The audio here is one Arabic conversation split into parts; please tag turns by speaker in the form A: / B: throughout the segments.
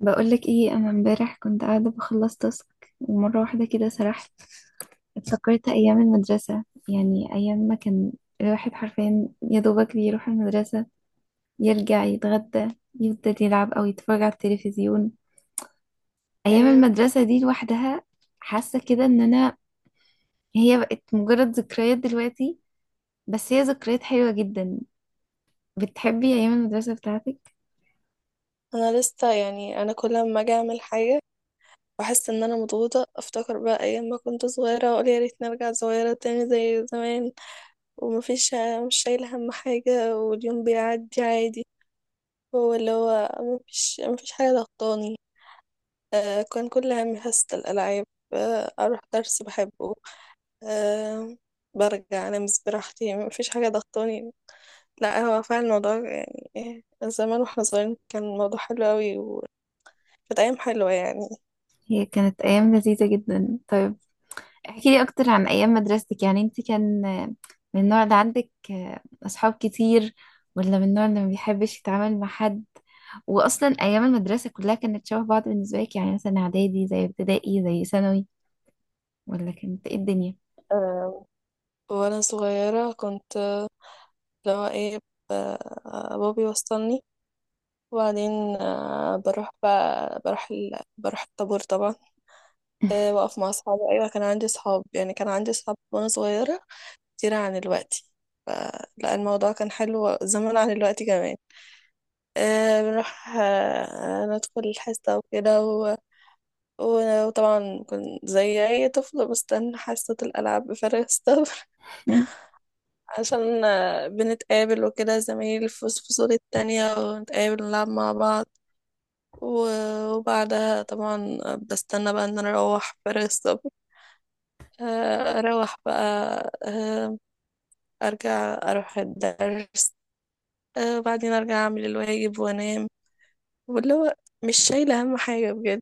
A: بقولك ايه؟ انا امبارح كنت قاعده بخلص تاسك، ومره واحده كده سرحت. افتكرت ايام المدرسه، يعني ايام ما كان الواحد حرفيا يا دوبك بيروح المدرسه، يرجع يتغدى، يفضل يلعب او يتفرج على التلفزيون. ايام
B: ايوه،
A: المدرسه دي لوحدها حاسه كده ان انا، هي بقت مجرد ذكريات دلوقتي، بس هي ذكريات حلوه جدا. بتحبي ايام المدرسه بتاعتك؟
B: انا لسه يعني انا كل ما اجي اعمل حاجه واحس ان انا مضغوطه افتكر بقى ايام ما كنت صغيره واقول يا ريت نرجع صغيره تاني زي زمان. ومفيش مش شايله هم حاجه واليوم بيعدي عادي. هو اللي هو مفيش حاجه ضغطاني. كان كل همي حصه الالعاب. اروح درس بحبه. آه برجع انام براحتي، مفيش حاجه ضغطاني. لا هو فعلا الموضوع يعني، زمان واحنا صغيرين كان الموضوع حلو قوي، وكانت ايام حلوه يعني.
A: هي كانت ايام لذيذه جدا. طيب احكي لي اكتر عن ايام مدرستك، يعني انت كان من النوع اللي عندك اصحاب كتير، ولا من النوع اللي ما بيحبش يتعامل مع حد؟ واصلا ايام المدرسه كلها كانت شبه بعض بالنسبه لك؟ يعني مثلا اعدادي زي ابتدائي زي ثانوي، ولا كانت ايه الدنيا؟
B: آه، وانا صغيرة كنت، اللي هو ايه، ب- بابي وصلني، وبعدين آه، بروح بقى بروح ال... بروح الطابور طبعا. واقف مع اصحابي. ايوه، كان عندي اصحاب، يعني كان عندي اصحاب وانا صغيرة كتير عن الوقت. فلا الموضوع كان حلو زمان عن الوقت كمان. بنروح، ندخل الحصة وكده، وطبعا كنت زي أي طفل بستنى حصة الألعاب بفارغ الصبر. عشان بنتقابل وكده زمايل في فصول التانية، ونتقابل نلعب مع بعض. وبعدها طبعا بستنى بقى ان انا اروح فارغ الصبر. اروح بقى. آه، ارجع اروح الدرس. وبعدين ارجع اعمل الواجب وانام. واللي هو مش شايلة اهم حاجة بجد.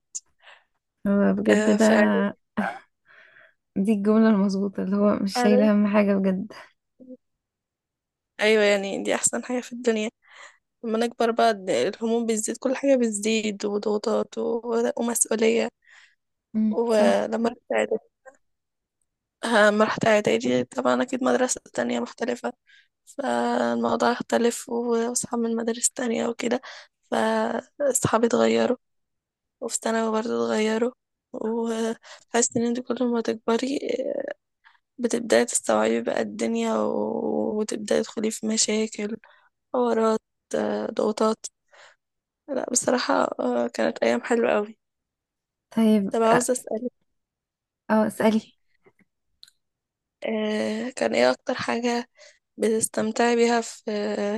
A: هو بجد ده
B: فإعدادي.
A: دي الجملة المظبوطة، اللي هو مش شايلة
B: إعدادي-
A: أهم حاجة بجد.
B: ايوه، يعني دي احسن حاجة في الدنيا. لما نكبر بقى الهموم بتزيد، كل حاجة بتزيد، وضغوطات ومسؤولية.
A: صح.
B: ولما أما رحت إعدادي، طبعا أكيد مدرسة تانية مختلفة، فالموضوع اختلف وأصحاب من مدارس تانية وكده، فأصحابي اتغيروا، وفي ثانوي برضه اتغيروا. وحاسة إن انت كل ما تكبري بتبدأي تستوعبي بقى الدنيا، وتبدأي تدخلي في مشاكل، حوارات، ضغوطات. لا بصراحة، كانت أيام حلوة أوي.
A: طيب
B: طب عاوزة أسألك،
A: اه اسألي.
B: كان إيه أكتر حاجة بتستمتعي بيها في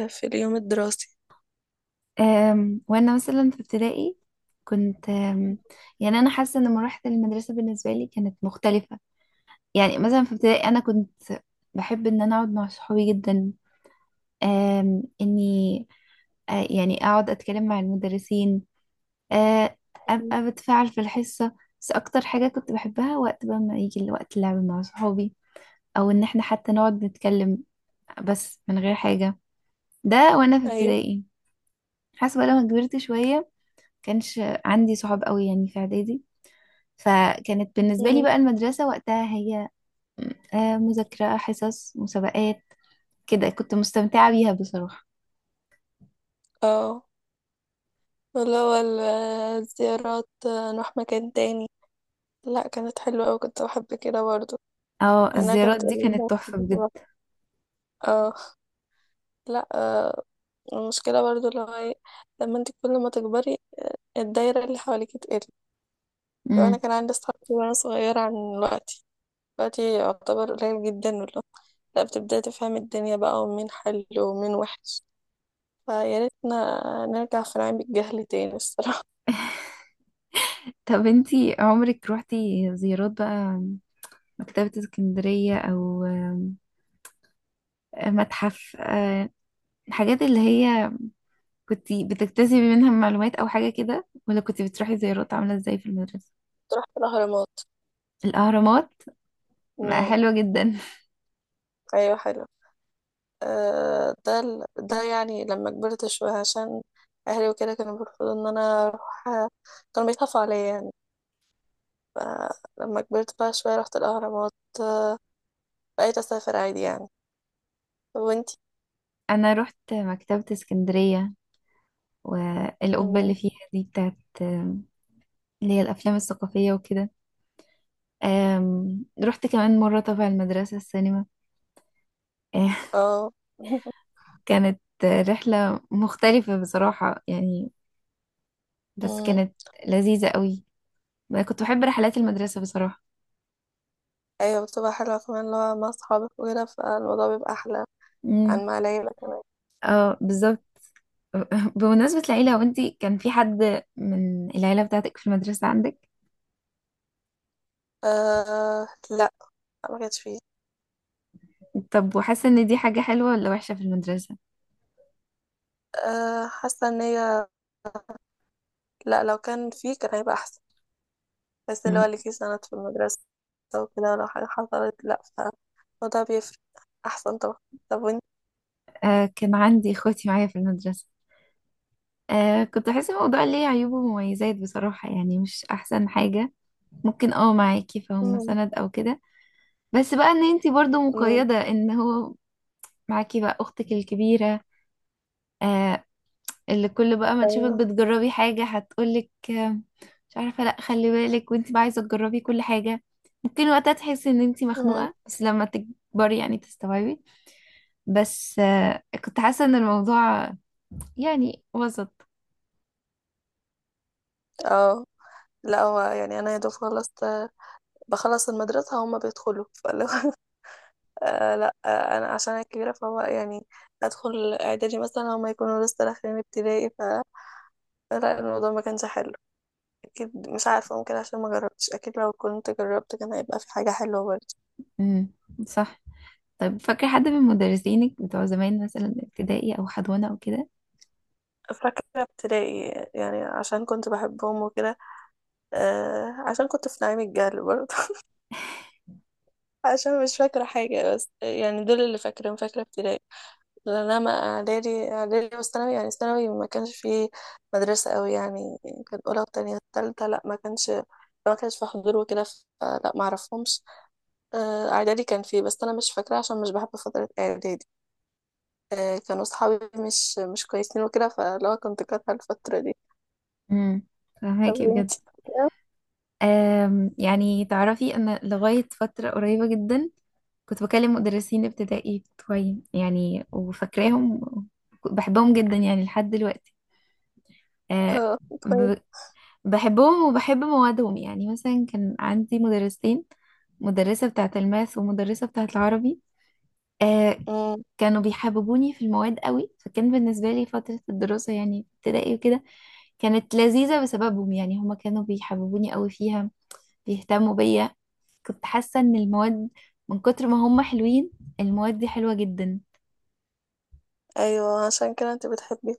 B: في اليوم الدراسي؟
A: وانا مثلا في ابتدائي كنت يعني انا حاسه ان مراحل المدرسه بالنسبه لي كانت مختلفه. يعني مثلا في ابتدائي انا كنت بحب ان انا اقعد مع صحابي جدا، اني يعني اقعد اتكلم مع المدرسين، آه،
B: مم.
A: ابقى بتفاعل في الحصه. بس اكتر حاجه كنت بحبها وقت بقى ما يجي وقت اللعب مع صحابي، او ان احنا حتى نقعد نتكلم بس من غير حاجه. ده وانا في
B: ايوه.
A: ابتدائي. حاسه بقى لما كبرت شويه كانش عندي صحاب قوي يعني في اعدادي، فكانت بالنسبة لي
B: مم.
A: بقى المدرسة وقتها هي مذاكرة حصص مسابقات. كده كنت مستمتعة بيها بصراحة.
B: اه، اللي هو الزيارات، نروح مكان تاني. لا كانت حلوة أوي، كنت بحب كده برضو.
A: اه
B: أنا
A: الزيارات
B: كانت
A: دي كانت
B: قليلة
A: تحفة بجد.
B: بصراحة. اه. لا، المشكلة برضو اللي هو إيه، لما انت كل ما تكبري الدايرة اللي حواليك تقل. لو أنا
A: مم.
B: كان عندي أصحاب كتير وأنا صغيرة عن دلوقتي، دلوقتي يعتبر قليل جدا والله. لا، بتبدأي تفهمي الدنيا بقى، ومين حلو ومين وحش، فيا ريتنا نرجع في نعيم الجهل تاني الصراحة.
A: طب انتي عمرك روحتي زيارات بقى مكتبة اسكندرية او متحف الحاجات اللي هي كنتي بتكتسبي منها معلومات او حاجة كده، ولا كنتي بتروحي زيارات عاملة ازاي في المدرسة؟
B: تروح الأهرامات.
A: الأهرامات،
B: امم.
A: حلوة جدا.
B: ايوه، حلو. ده يعني لما كبرت شويه عشان اهلي وكده كانوا بيرفضوا ان انا اروح، كانوا بيخافوا عليا يعني. فلما كبرت بقى شويه رحت الاهرامات، بقيت اسافر عادي يعني. وانتي؟
A: انا رحت مكتبة اسكندرية، والقبة اللي
B: امم.
A: فيها دي بتاعت اللي هي الافلام الثقافية وكده. رحت كمان مرة تبع المدرسة السينما.
B: اه.
A: كانت رحلة مختلفة بصراحة يعني، بس
B: امم.
A: كانت لذيذة قوي. أنا كنت بحب رحلات المدرسة بصراحة.
B: ايوه، بتبقى حلوه كمان، اللي هو مع اصحابك وكده، فالموضوع بيبقى احلى
A: امم.
B: عن مع العيله كمان.
A: اه بالظبط. بمناسبة العيلة، هو انتي كان في حد من العيلة بتاعتك في المدرسة عندك؟
B: آه، لا، ما كانش فيه.
A: طب وحاسة ان دي حاجة حلوة ولا وحشة في المدرسة؟
B: حاسه ان هي، لا، لو كان فيه كان هيبقى احسن، بس اللي هو
A: مم.
B: ليكي سند في المدرسة وكده، ولو حاجة حصلت لأ، فالموضوع بيفرق، أحسن طبعا. طب وانت؟
A: آه كان عندي اخواتي معايا في المدرسة. آه كنت حاسة الموضوع ليه عيوب ومميزات بصراحة، يعني مش أحسن حاجة. ممكن اه معاكي فهم
B: مم.
A: سند أو كده، بس بقى إن انتي برضو
B: مم.
A: مقيدة إن هو معاكي بقى أختك الكبيرة، آه، اللي كل بقى ما تشوفك
B: أيوه.
A: بتجربي حاجة هتقولك آه مش عارفة لأ خلي بالك، وانتي بقى عايزة تجربي كل حاجة. ممكن وقتها تحسي إن انتي
B: مم.
A: مخنوقة، بس لما تكبري يعني تستوعبي. بس آه كنت حاسة إن الموضوع يعني وسط.
B: اه، لا هو يعني أنا يا دوب خلصت، بخلص المدرسة هما بيدخلوا، فاللي هو لا، أنا عشان أنا كبيرة فهو يعني، أدخل إعدادي مثلا هما يكونوا لسه داخلين ابتدائي، لا الموضوع ما كانش حلو. أكيد مش عارفة، ممكن عشان ما جربتش، أكيد لو كنت جربت كان هيبقى في حاجة حلوة برضه.
A: مم، صح. طب فاكرة حد من مدرسينك بتوع زمان، مثلا ابتدائي أو حضانة أو كده؟
B: فاكرة ابتدائي، يعني عشان كنت بحبهم وكده، عشان كنت في نعيم الجهل برضه. عشان مش فاكرة حاجة، بس يعني دول اللي فاكرهم، فاكرة ابتدائي. لأن أنا إعدادي والثانوي، يعني ثانوي ما كانش فيه مدرسة أوي يعني، كان أولى وتانية تالتة، لأ ما كانش في حضور وكده، فلا ما أعرفهمش. إعدادي كان فيه بس أنا مش فاكرة، عشان مش بحب فترة إعدادي. كانوا صحابي مش كويسين وكده، فلو كنت كارهة الفترة دي.
A: امم.
B: طب
A: فهماكي بجد.
B: وانتي؟
A: يعني تعرفي أنا لغاية فترة قريبة جدا كنت بكلم مدرسين ابتدائي بتوعي يعني، وفاكراهم بحبهم جدا يعني لحد دلوقتي. أه.
B: اه. كويس.
A: ب- بحبهم وبحب موادهم. يعني مثلا كان عندي مدرسين، مدرسة بتاعة الماث ومدرسة بتاعة العربي، آه،
B: امم.
A: كانوا بيحببوني في المواد قوي. فكان بالنسبة لي فترة الدراسة يعني ابتدائي وكده كانت لذيذة بسببهم، يعني هما كانوا بيحببوني قوي فيها، بيهتموا بيا. كنت حاسة ان المواد من كتر ما هما حلوين، المواد دي حلوة جدا.
B: ايوه، عشان كده انت بتحبي،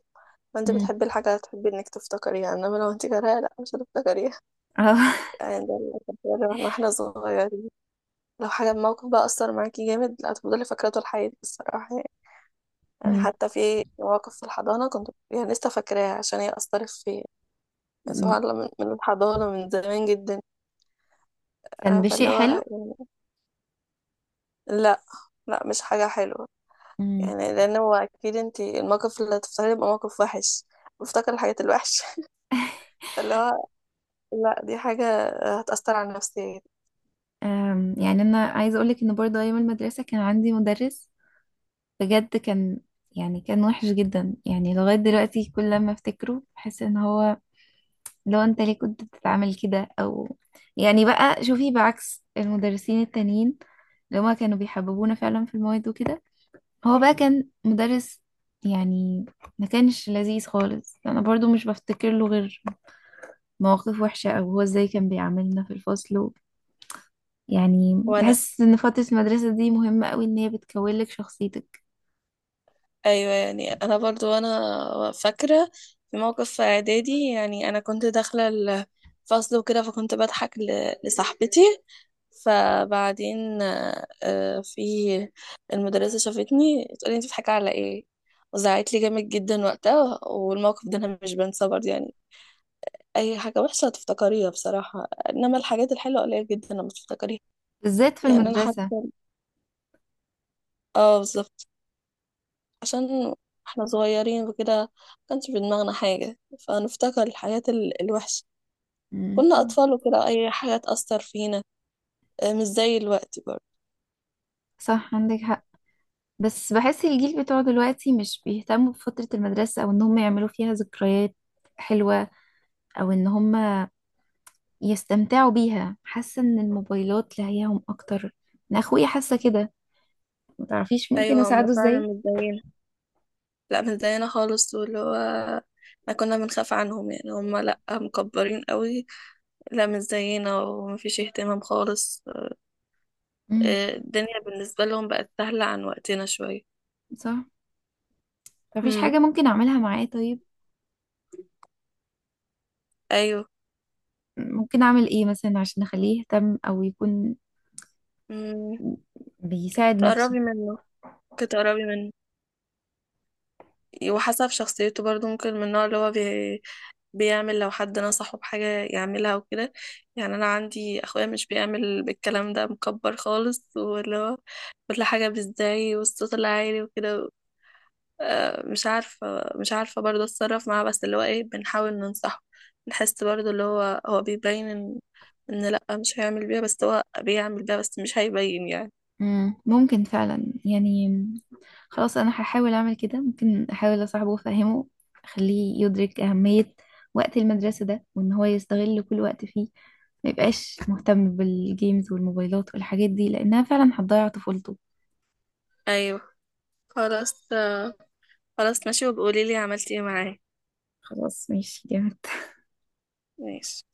B: ما انت
A: مم.
B: بتحبي الحاجه هتحبي انك تفتكريها، انما لو انت كارهاها لا، مش هتفتكريها.
A: اه.
B: يعني ده اللي كان بيقول لنا واحنا صغيرين، لو حاجه موقف بقى اثر معاكي جامد، لا هتفضلي فاكراه طول حياتك الصراحه يعني. يعني
A: مم.
B: حتى في مواقف في الحضانه كنت يعني لسه فاكراها عشان هي اثرت فيا. يعني
A: مم.
B: سبحان الله، من الحضانه، من زمان جدا.
A: كان بشيء
B: فاللي هو
A: حلو.
B: يعني، لا، لا مش حاجه حلوه.
A: مم.
B: يعني لان هو اكيد انت الموقف اللي هتفتكريه يبقى موقف وحش، بفتكر الحاجات الوحشه. فاللي هو لا، دي حاجة هتأثر على نفسيتي.
A: يعني انا عايزة اقولك ان برضه ايام المدرسة كان عندي مدرس، بجد كان، يعني كان وحش جدا. يعني لغاية دلوقتي كل لما افتكره بحس ان هو لو انت ليه كنت بتتعامل كده او، يعني بقى شوفي بعكس المدرسين التانيين اللي هما كانوا بيحببونا فعلا في المواد وكده، هو بقى كان مدرس يعني ما كانش لذيذ خالص. انا برضو مش بفتكر له غير مواقف وحشة، او هو ازاي كان بيعاملنا في الفصل و... يعني
B: وانا،
A: بحس ان فترة المدرسة دي مهمة قوي، ان هي بتكون لك شخصيتك،
B: ايوه يعني انا برضو انا فاكره في موقف في اعدادي، يعني انا كنت داخله الفصل وكده، فكنت بضحك لصاحبتي. فبعدين في المدرسه شافتني، تقولي انت بتضحكي على ايه؟ وزعقت لي جامد جدا وقتها، والموقف ده انا مش بنساه برضه يعني. اي حاجه وحشه هتفتكريها بصراحه، انما الحاجات الحلوه قليل جدا لما تفتكريها.
A: بالذات في
B: يعني انا
A: المدرسة.
B: حاسه. اه بالظبط، عشان احنا صغيرين وكده ما كانش في دماغنا حاجة، فنفتكر الحاجات الوحشة. كنا
A: مم.
B: أطفال وكده، أي حاجة تأثر فينا. مش زي الوقت برضه.
A: صح عندك حق. بس بحس الجيل بتوع دلوقتي مش بيهتموا بفترة المدرسة، أو إن هم يعملوا فيها ذكريات حلوة، أو إن هم يستمتعوا بيها. حاسة إن الموبايلات لاهياهم أكتر. أنا أخويا حاسة كده. متعرفيش ممكن
B: أيوة، هما
A: أساعده إزاي؟
B: فعلا مش زينا. لا، مش زينا خالص، واللي هو احنا كنا بنخاف عنهم، يعني هما لأ، مكبرين قوي. لا، مش زينا، ومفيش اهتمام خالص.
A: امم.
B: الدنيا بالنسبة لهم بقت سهلة عن وقتنا شوية.
A: صح. متعرفيش
B: امم.
A: حاجة ممكن أعملها معاه طيب؟
B: أيوه.
A: ممكن أعمل إيه مثلا عشان أخليه يهتم، أو يكون
B: امم.
A: بيساعد نفسه؟
B: تقربي منه، كنت تقربي منه، وحسب شخصيته برضه، ممكن من النوع اللي هو بيعمل لو حد نصحه بحاجة، يعملها وكده. يعني أنا عندي أخويا مش بيعمل بالكلام ده، مكبر خالص، واللي هو كل حاجة بالزعي والصوت العالي وكده. مش عارفة برضه أتصرف معاه، بس اللي هو إيه، بنحاول ننصحه. بنحس برضه اللي هو هو بيبين إن، لأ، مش هيعمل بيها، بس هو بيعمل بيها، بس مش هيبين يعني.
A: ممكن فعلا يعني. خلاص انا هحاول اعمل كده، ممكن احاول اصاحبه وافهمه، اخليه يدرك اهمية وقت المدرسة ده، وان هو يستغل كل وقت فيه، ما يبقاش مهتم بالجيمز والموبايلات والحاجات دي، لانها فعلا هتضيع طفولته.
B: أيوه، خلاص. خلاص ماشي، وبقوليلي عملتي إيه معاه.
A: خلاص ماشي جامد.
B: ماشي.